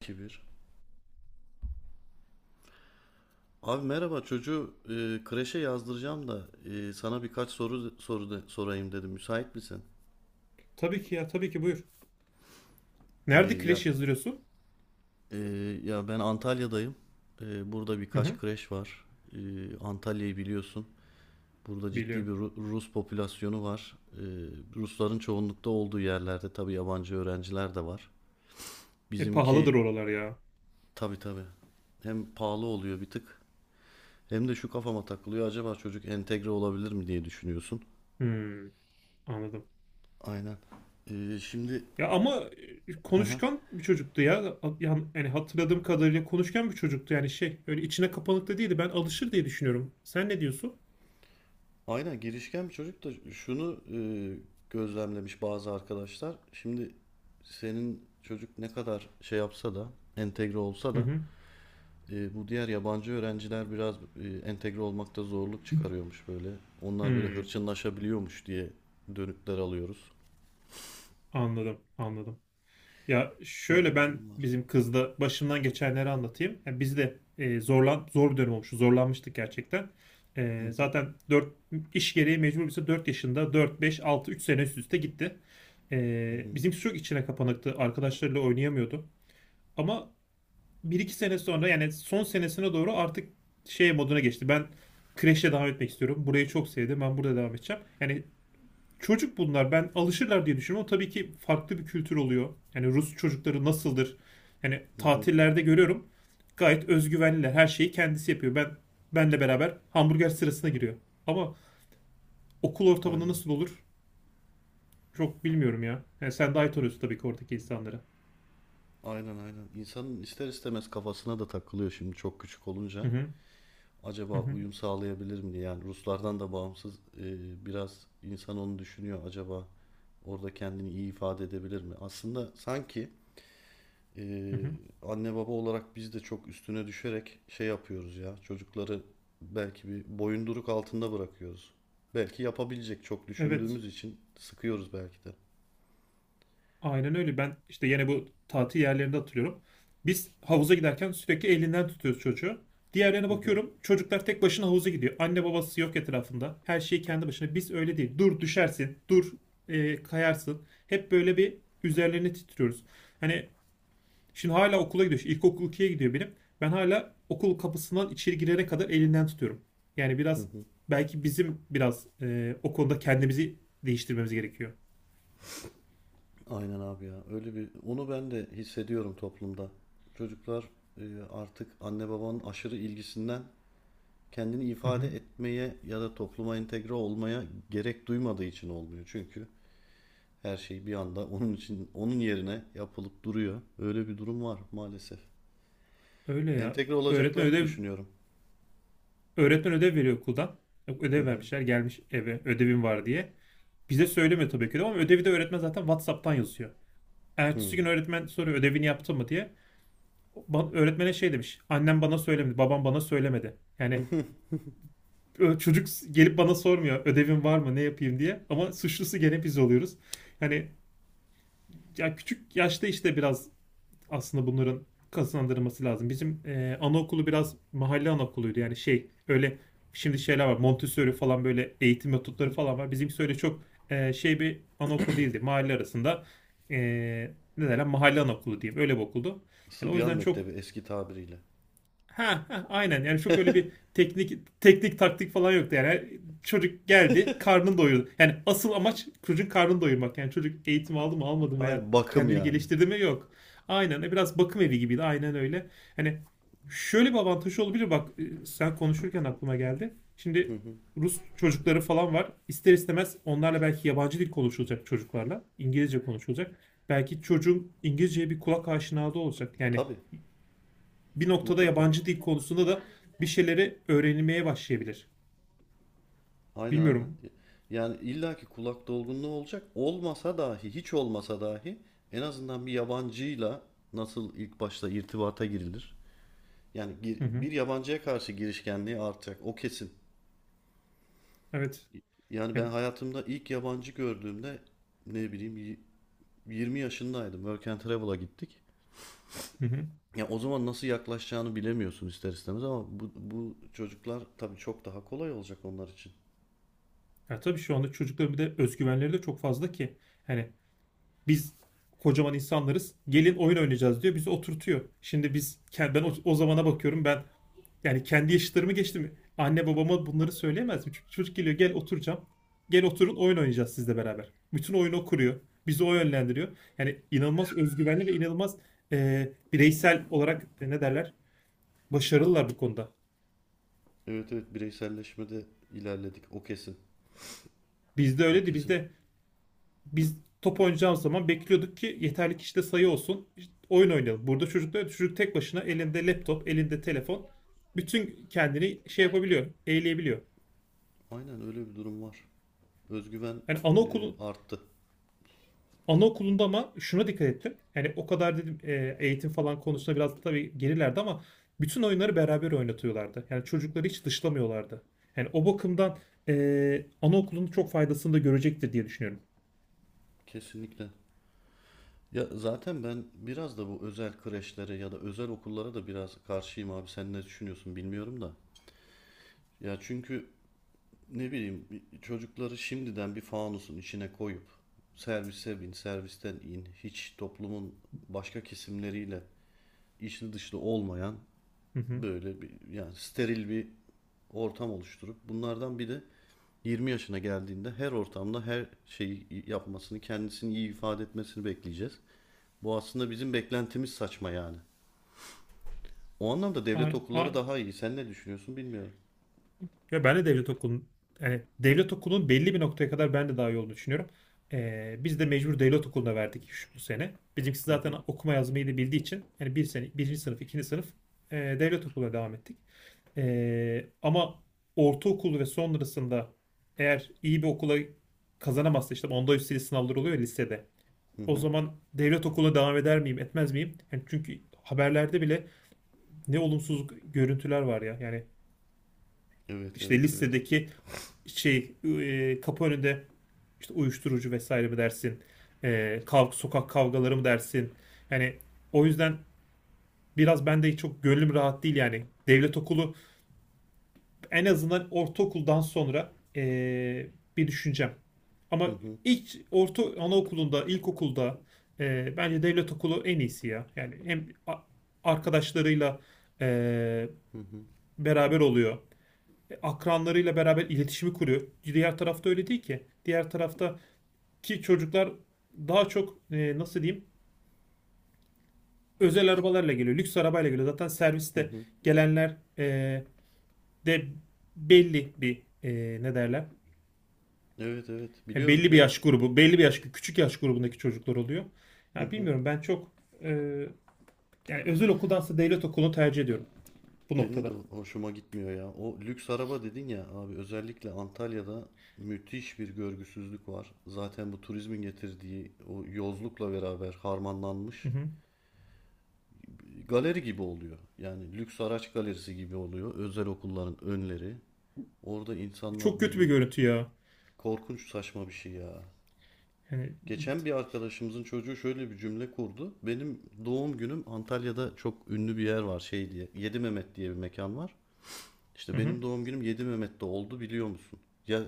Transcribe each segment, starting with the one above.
2-1. Abi merhaba, çocuğu kreşe yazdıracağım da sana birkaç sorayım dedim. Müsait misin? Tabii ki ya, tabii ki buyur. E, Nerede ya kreş yazdırıyorsun? e, ya ben Antalya'dayım. Burada Hı birkaç hı, kreş var. E, Antalya'yı biliyorsun. Burada ciddi biliyorum. bir Rus popülasyonu var. Rusların çoğunlukta olduğu yerlerde tabii yabancı öğrenciler de var. E Bizimki pahalıdır oralar ya. tabii tabii, hem pahalı oluyor bir tık, hem de şu kafama takılıyor, acaba çocuk entegre olabilir mi diye düşünüyorsun. Hmm, anladım. Aynen. Şimdi, Ya ama hı hı, konuşkan bir çocuktu ya. Yani hatırladığım kadarıyla konuşkan bir çocuktu. Yani şey, öyle içine kapanık da değildi. Ben alışır diye düşünüyorum. Sen ne diyorsun? aynen girişken bir çocuk da şunu gözlemlemiş bazı arkadaşlar. Şimdi senin çocuk ne kadar şey yapsa da, entegre olsa Hı da hı. Bu diğer yabancı öğrenciler biraz entegre olmakta zorluk çıkarıyormuş böyle. Onlar böyle Hmm, hırçınlaşabiliyormuş diye dönütler alıyoruz. anladım. Ya şöyle, Böyle bir ben durum var. bizim kızla başımdan geçenleri anlatayım. Ya biz de zor bir dönem olmuştu. Zorlanmıştık gerçekten. Zaten 4 iş gereği mecbur, bize 4 yaşında 4 5 6, 3 sene üst üste gitti. Hı hı, Bizimki çok içine kapanıktı. Arkadaşlarıyla oynayamıyordu. Ama bir iki sene sonra, yani son senesine doğru artık şey moduna geçti. Ben kreşe devam etmek istiyorum. Burayı çok sevdim. Ben burada devam edeceğim. Yani çocuk bunlar. Ben alışırlar diye düşünüyorum. O tabii ki farklı bir kültür oluyor. Yani Rus çocukları nasıldır? Yani hı hı. tatillerde görüyorum. Gayet özgüvenliler. Her şeyi kendisi yapıyor. Benle beraber hamburger sırasına giriyor. Ama okul ortamında Aynen. nasıl olur? Çok bilmiyorum ya. Yani sen daha iyi tanıyorsun tabii ki oradaki insanları. Aynen aynen. İnsanın ister istemez kafasına da takılıyor şimdi çok küçük Hı olunca, hı. Hı acaba hı. uyum sağlayabilir mi diye. Yani Ruslardan da bağımsız e, biraz insan onu düşünüyor. Acaba orada kendini iyi ifade edebilir mi? Aslında sanki e, Hı hı. anne baba olarak biz de çok üstüne düşerek şey yapıyoruz ya. Çocukları belki bir boyunduruk altında bırakıyoruz. Belki yapabilecek, çok Evet. düşündüğümüz için sıkıyoruz belki de. Aynen öyle. Ben işte yine bu tatil yerlerinde hatırlıyorum. Biz havuza giderken sürekli elinden tutuyoruz çocuğu. Diğerlerine Hı hı, bakıyorum. Çocuklar tek başına havuza gidiyor. Anne babası yok etrafında. Her şey kendi başına. Biz öyle değil. Dur düşersin. Dur kayarsın. Hep böyle bir üzerlerine titriyoruz. Hani şimdi hala okula gidiyor. Şimdi İlkokul 2'ye gidiyor benim. Ben hala okul kapısından içeri girene kadar elinden tutuyorum. Yani hı biraz hı. belki bizim biraz o konuda kendimizi değiştirmemiz gerekiyor. Aynen abi ya. Öyle bir, onu ben de hissediyorum toplumda. Çocuklar artık anne babanın aşırı ilgisinden kendini Hı ifade hı. etmeye ya da topluma entegre olmaya gerek duymadığı için olmuyor. Çünkü her şey bir anda onun için, onun yerine yapılıp duruyor. Öyle bir durum var maalesef. Öyle ya. Entegre Öğretmen olacaklarını ödev düşünüyorum. Öğretmen ödev veriyor okuldan. Hı Ödev hı. vermişler, gelmiş eve ödevim var diye. Bize söylemiyor tabii ki de, ama ödevi de öğretmen zaten WhatsApp'tan yazıyor. Hı. Ertesi gün öğretmen soruyor ödevini yaptın mı diye. Öğretmene şey demiş: annem bana söylemedi, babam bana söylemedi. Yani çocuk gelip bana sormuyor ödevin var mı, ne yapayım diye. Ama suçlusu gene biz oluyoruz. Yani ya küçük yaşta işte biraz aslında bunların kazandırılması lazım. Bizim anaokulu biraz mahalle anaokuluydu. Yani şey öyle, şimdi şeyler var. Montessori falan, böyle eğitim metotları falan var. Bizimki öyle çok şey bir anaokul değildi. Mahalle arasında, e, ne derler, mahalle anaokulu diyeyim. Öyle bir okuldu. Yani o Sıbyan yüzden çok Mektebi eski tabiriyle. ha, ha, aynen, yani çok öyle bir teknik taktik falan yoktu. Yani çocuk geldi, karnını doyurdu. Yani asıl amaç çocuğun karnını doyurmak. Yani çocuk eğitim aldı mı almadı mı, veya Hayır, bakım kendini yani. geliştirdi mi, yok. Aynen, biraz bakım evi gibiydi, aynen öyle. Hani şöyle bir avantajı olabilir, bak, sen konuşurken aklıma geldi Hı şimdi. hı. Rus çocukları falan var, ister istemez onlarla belki yabancı dil konuşulacak, çocuklarla İngilizce konuşulacak. Belki çocuğun İngilizceye bir kulak aşinalığı olacak. Yani Tabii, bir noktada mutlaka. yabancı dil konusunda da bir şeyleri öğrenilmeye başlayabilir. Aynen aynen. Bilmiyorum. Yani illaki kulak dolgunluğu olacak. Olmasa dahi, hiç olmasa dahi en azından bir yabancıyla nasıl ilk başta irtibata girilir? Yani Hı hı. bir yabancıya karşı girişkenliği artacak. O kesin. Evet. Yani ben E, hayatımda ilk yabancı gördüğümde, ne bileyim, 20 yaşındaydım. Work and Travel'a gittik. Hı hı. Ya o zaman nasıl yaklaşacağını bilemiyorsun ister istemez, ama bu çocuklar tabii çok daha kolay olacak onlar için. Ya tabii şu anda çocukların bir de özgüvenleri de çok fazla ki. Hani biz kocaman insanlarız. Gelin oyun oynayacağız diyor. Bizi oturtuyor. Şimdi biz kend- ben o zamana bakıyorum. Ben, yani kendi yaşıtlarımı geçtim, anne babama bunları söyleyemez mi? Çünkü çocuk geliyor, gel oturacağım. Gel oturun oyun oynayacağız sizle beraber. Bütün oyunu o kuruyor. Bizi o yönlendiriyor. Yani inanılmaz özgüvenli ve inanılmaz bireysel olarak, ne derler, başarılılar bu konuda. Evet evet, bireyselleşmede ilerledik. O kesin. Bizde O öyleydi. kesin. Bizde biz top oynayacağımız zaman bekliyorduk ki yeterli kişide sayı olsun. İşte oyun oynayalım. Burada çocuklar, çocuk tek başına elinde laptop, elinde telefon, bütün kendini şey yapabiliyor, eğleyebiliyor. Aynen, öyle bir durum var. Özgüven Yani e, anaokulu arttı. Anaokulunda ama şuna dikkat ettim. Yani o kadar dedim, eğitim falan konusunda biraz tabii gerilerdi ama bütün oyunları beraber oynatıyorlardı. Yani çocukları hiç dışlamıyorlardı. Yani o bakımdan anaokulunun çok faydasını da görecektir diye düşünüyorum. Kesinlikle. Ya zaten ben biraz da bu özel kreşlere ya da özel okullara da biraz karşıyım abi. Sen ne düşünüyorsun bilmiyorum da. Ya çünkü, ne bileyim, çocukları şimdiden bir fanusun içine koyup, servise bin, servisten in, hiç toplumun başka kesimleriyle içli dışlı olmayan Hı hı. böyle bir, yani steril bir ortam oluşturup bunlardan bir de 20 yaşına geldiğinde her ortamda her şeyi yapmasını, kendisini iyi ifade etmesini bekleyeceğiz. Bu aslında, bizim beklentimiz saçma yani. O anlamda devlet A- okulları a- daha iyi. Sen ne düşünüyorsun bilmiyorum. Ya ben de devlet okulun yani devlet okulunun belli bir noktaya kadar ben de daha iyi olduğunu düşünüyorum. Biz de mecbur devlet okuluna verdik bu sene. Bizimkisi Hı zaten hı, okuma yazmayı da bildiği için, yani bir sene, birinci sınıf, ikinci sınıf, devlet okuluna devam ettik. Ama ortaokul ve sonrasında eğer iyi bir okula kazanamazsa, işte onda üsteli sınavlar oluyor ya lisede. hı O hı. zaman devlet okuluna devam eder miyim, etmez miyim? Yani çünkü haberlerde bile ne olumsuz görüntüler var ya. Yani Evet işte evet evet. listedeki şey kapı önünde, işte uyuşturucu vesaire mi dersin, E, kav sokak kavgaları mı dersin? Yani o yüzden biraz ben de çok gönlüm rahat değil yani. Devlet okulu en azından ortaokuldan sonra, bir düşüncem. Hı Ama hı, ilk orta anaokulunda, ilkokulda bence devlet okulu en iyisi ya. Yani hem arkadaşlarıyla e, hı hı, beraber oluyor, akranlarıyla beraber iletişimi kuruyor. Diğer tarafta öyle değil ki. Diğer tarafta ki çocuklar daha çok, nasıl diyeyim, özel arabalarla geliyor. Lüks arabayla geliyor. Zaten hı serviste hı. gelenler de belli bir, ne derler, Evet evet, yani biliyorum belli bir biliyorum. yaş grubu, belli bir yaş küçük yaş grubundaki çocuklar oluyor. Hı Yani hı. bilmiyorum, ben çok e, yani özel okuldansa devlet okulunu tercih ediyorum bu Benim de noktada. hoşuma gitmiyor ya. O lüks araba dedin ya abi, özellikle Antalya'da müthiş bir görgüsüzlük var. Zaten bu turizmin getirdiği o yozlukla beraber Hı harmanlanmış, hı. galeri gibi oluyor. Yani lüks araç galerisi gibi oluyor özel okulların önleri. Orada insanlar Çok bir kötü bir bir görüntü ya. korkunç, saçma bir şey ya. Yani Geçen bir arkadaşımızın çocuğu şöyle bir cümle kurdu. Benim doğum günüm Antalya'da, çok ünlü bir yer var şey diye, Yedi Mehmet diye bir mekan var. hı İşte hı. benim doğum günüm 7 Mehmet'te oldu biliyor musun? Ya,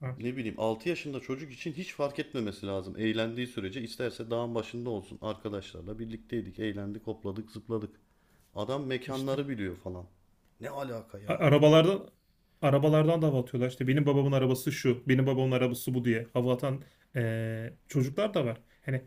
Ah, ne bileyim, 6 yaşında çocuk için hiç fark etmemesi lazım. Eğlendiği sürece isterse dağın başında olsun. Arkadaşlarla birlikteydik, eğlendik, hopladık, zıpladık. Adam işte. mekanları biliyor falan. Ne alaka A- yani? Arabalardan Arabalardan da hava atıyorlar. İşte benim babamın arabası şu, benim babamın arabası bu diye hava atan çocuklar da var. Hani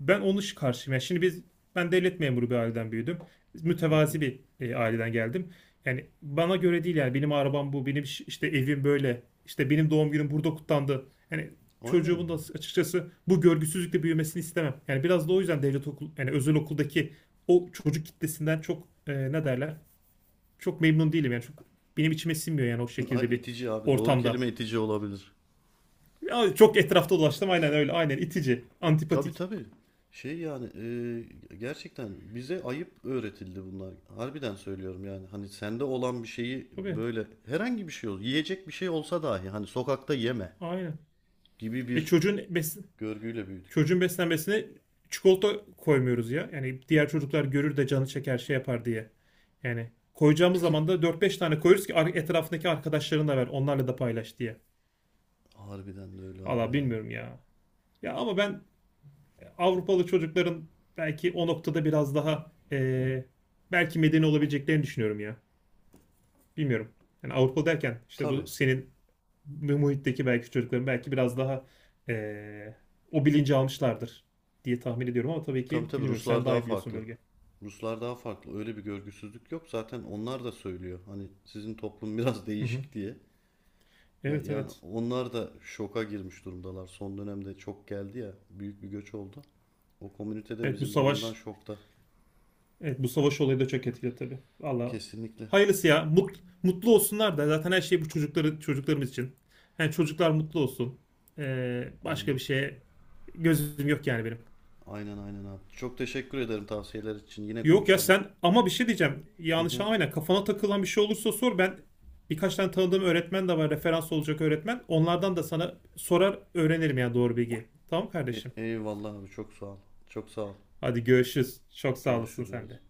ben onun iş karşıyım. Yani şimdi biz, ben devlet memuru bir aileden büyüdüm. Mütevazi bir aileden geldim. Yani bana göre değil, yani benim arabam bu, benim işte evim böyle, işte benim doğum günüm burada kutlandı. Yani Aynen çocuğumun da ya. açıkçası bu görgüsüzlükle büyümesini istemem. Yani biraz da o yüzden devlet okul yani özel okuldaki o çocuk kitlesinden çok, ne derler, çok memnun değilim yani. Çok benim içime sinmiyor yani o Ay, şekilde bir İtici abi. Doğru kelime ortamda. itici olabilir. Ya çok etrafta dolaştım, aynen öyle, aynen itici, Tabii antipatik. tabii. Şey yani, gerçekten bize ayıp öğretildi bunlar. Harbiden söylüyorum yani. Hani sende olan bir şeyi Tabii, böyle, herhangi bir şey ol, yiyecek bir şey olsa dahi hani sokakta yeme aynen. gibi E bir çocuğun bes görgüyle büyüdük. Çocuğun beslenmesine çikolata koymuyoruz ya. Yani diğer çocuklar görür de canı çeker şey yapar diye. Yani koyacağımız zaman da dört beş tane koyuyoruz ki etrafındaki arkadaşlarına da ver, onlarla da paylaş diye. Harbiden de öyle abi Valla ya. bilmiyorum ya. Ya ama ben Avrupalı çocukların belki o noktada biraz daha belki medeni olabileceklerini düşünüyorum ya. Bilmiyorum. Yani Avrupalı derken işte Tabii. bu senin muhitteki belki çocukların belki biraz daha eee, o bilinci almışlardır diye tahmin ediyorum, ama tabii Tabii ki tabii, bilmiyorum. Sen Ruslar daha daha iyi biliyorsun farklı. bölge. Ruslar daha farklı. Öyle bir görgüsüzlük yok. Zaten onlar da söylüyor, hani sizin toplum biraz Hı hı. değişik diye. Ve Evet yani evet. onlar da şoka girmiş durumdalar. Son dönemde çok geldi ya, büyük bir göç oldu. O komünite de Evet bu bizim durumdan savaş şokta. evet, bu savaş olayı da çok etkili tabii. Valla Kesinlikle. hayırlısı ya. Mutlu olsunlar da, zaten her şey bu çocuklarımız için. Yani çocuklar mutlu olsun. Başka Aynen. bir şeye gözüm yok yani benim. Aynen aynen abi. Çok teşekkür ederim tavsiyeler için. Yine Yok ya, konuşalım. sen, ama bir şey diyeceğim, Hı yanlış hı. anlamayın, kafana takılan bir şey olursa sor. Ben birkaç tane tanıdığım öğretmen de var. Referans olacak öğretmen. Onlardan da sana sorar öğrenirim ya, doğru bilgi. Tamam kardeşim. Eyvallah abi, çok sağ ol. Çok sağ ol. Hadi görüşürüz. Çok sağ olasın sen Görüşürüz. de.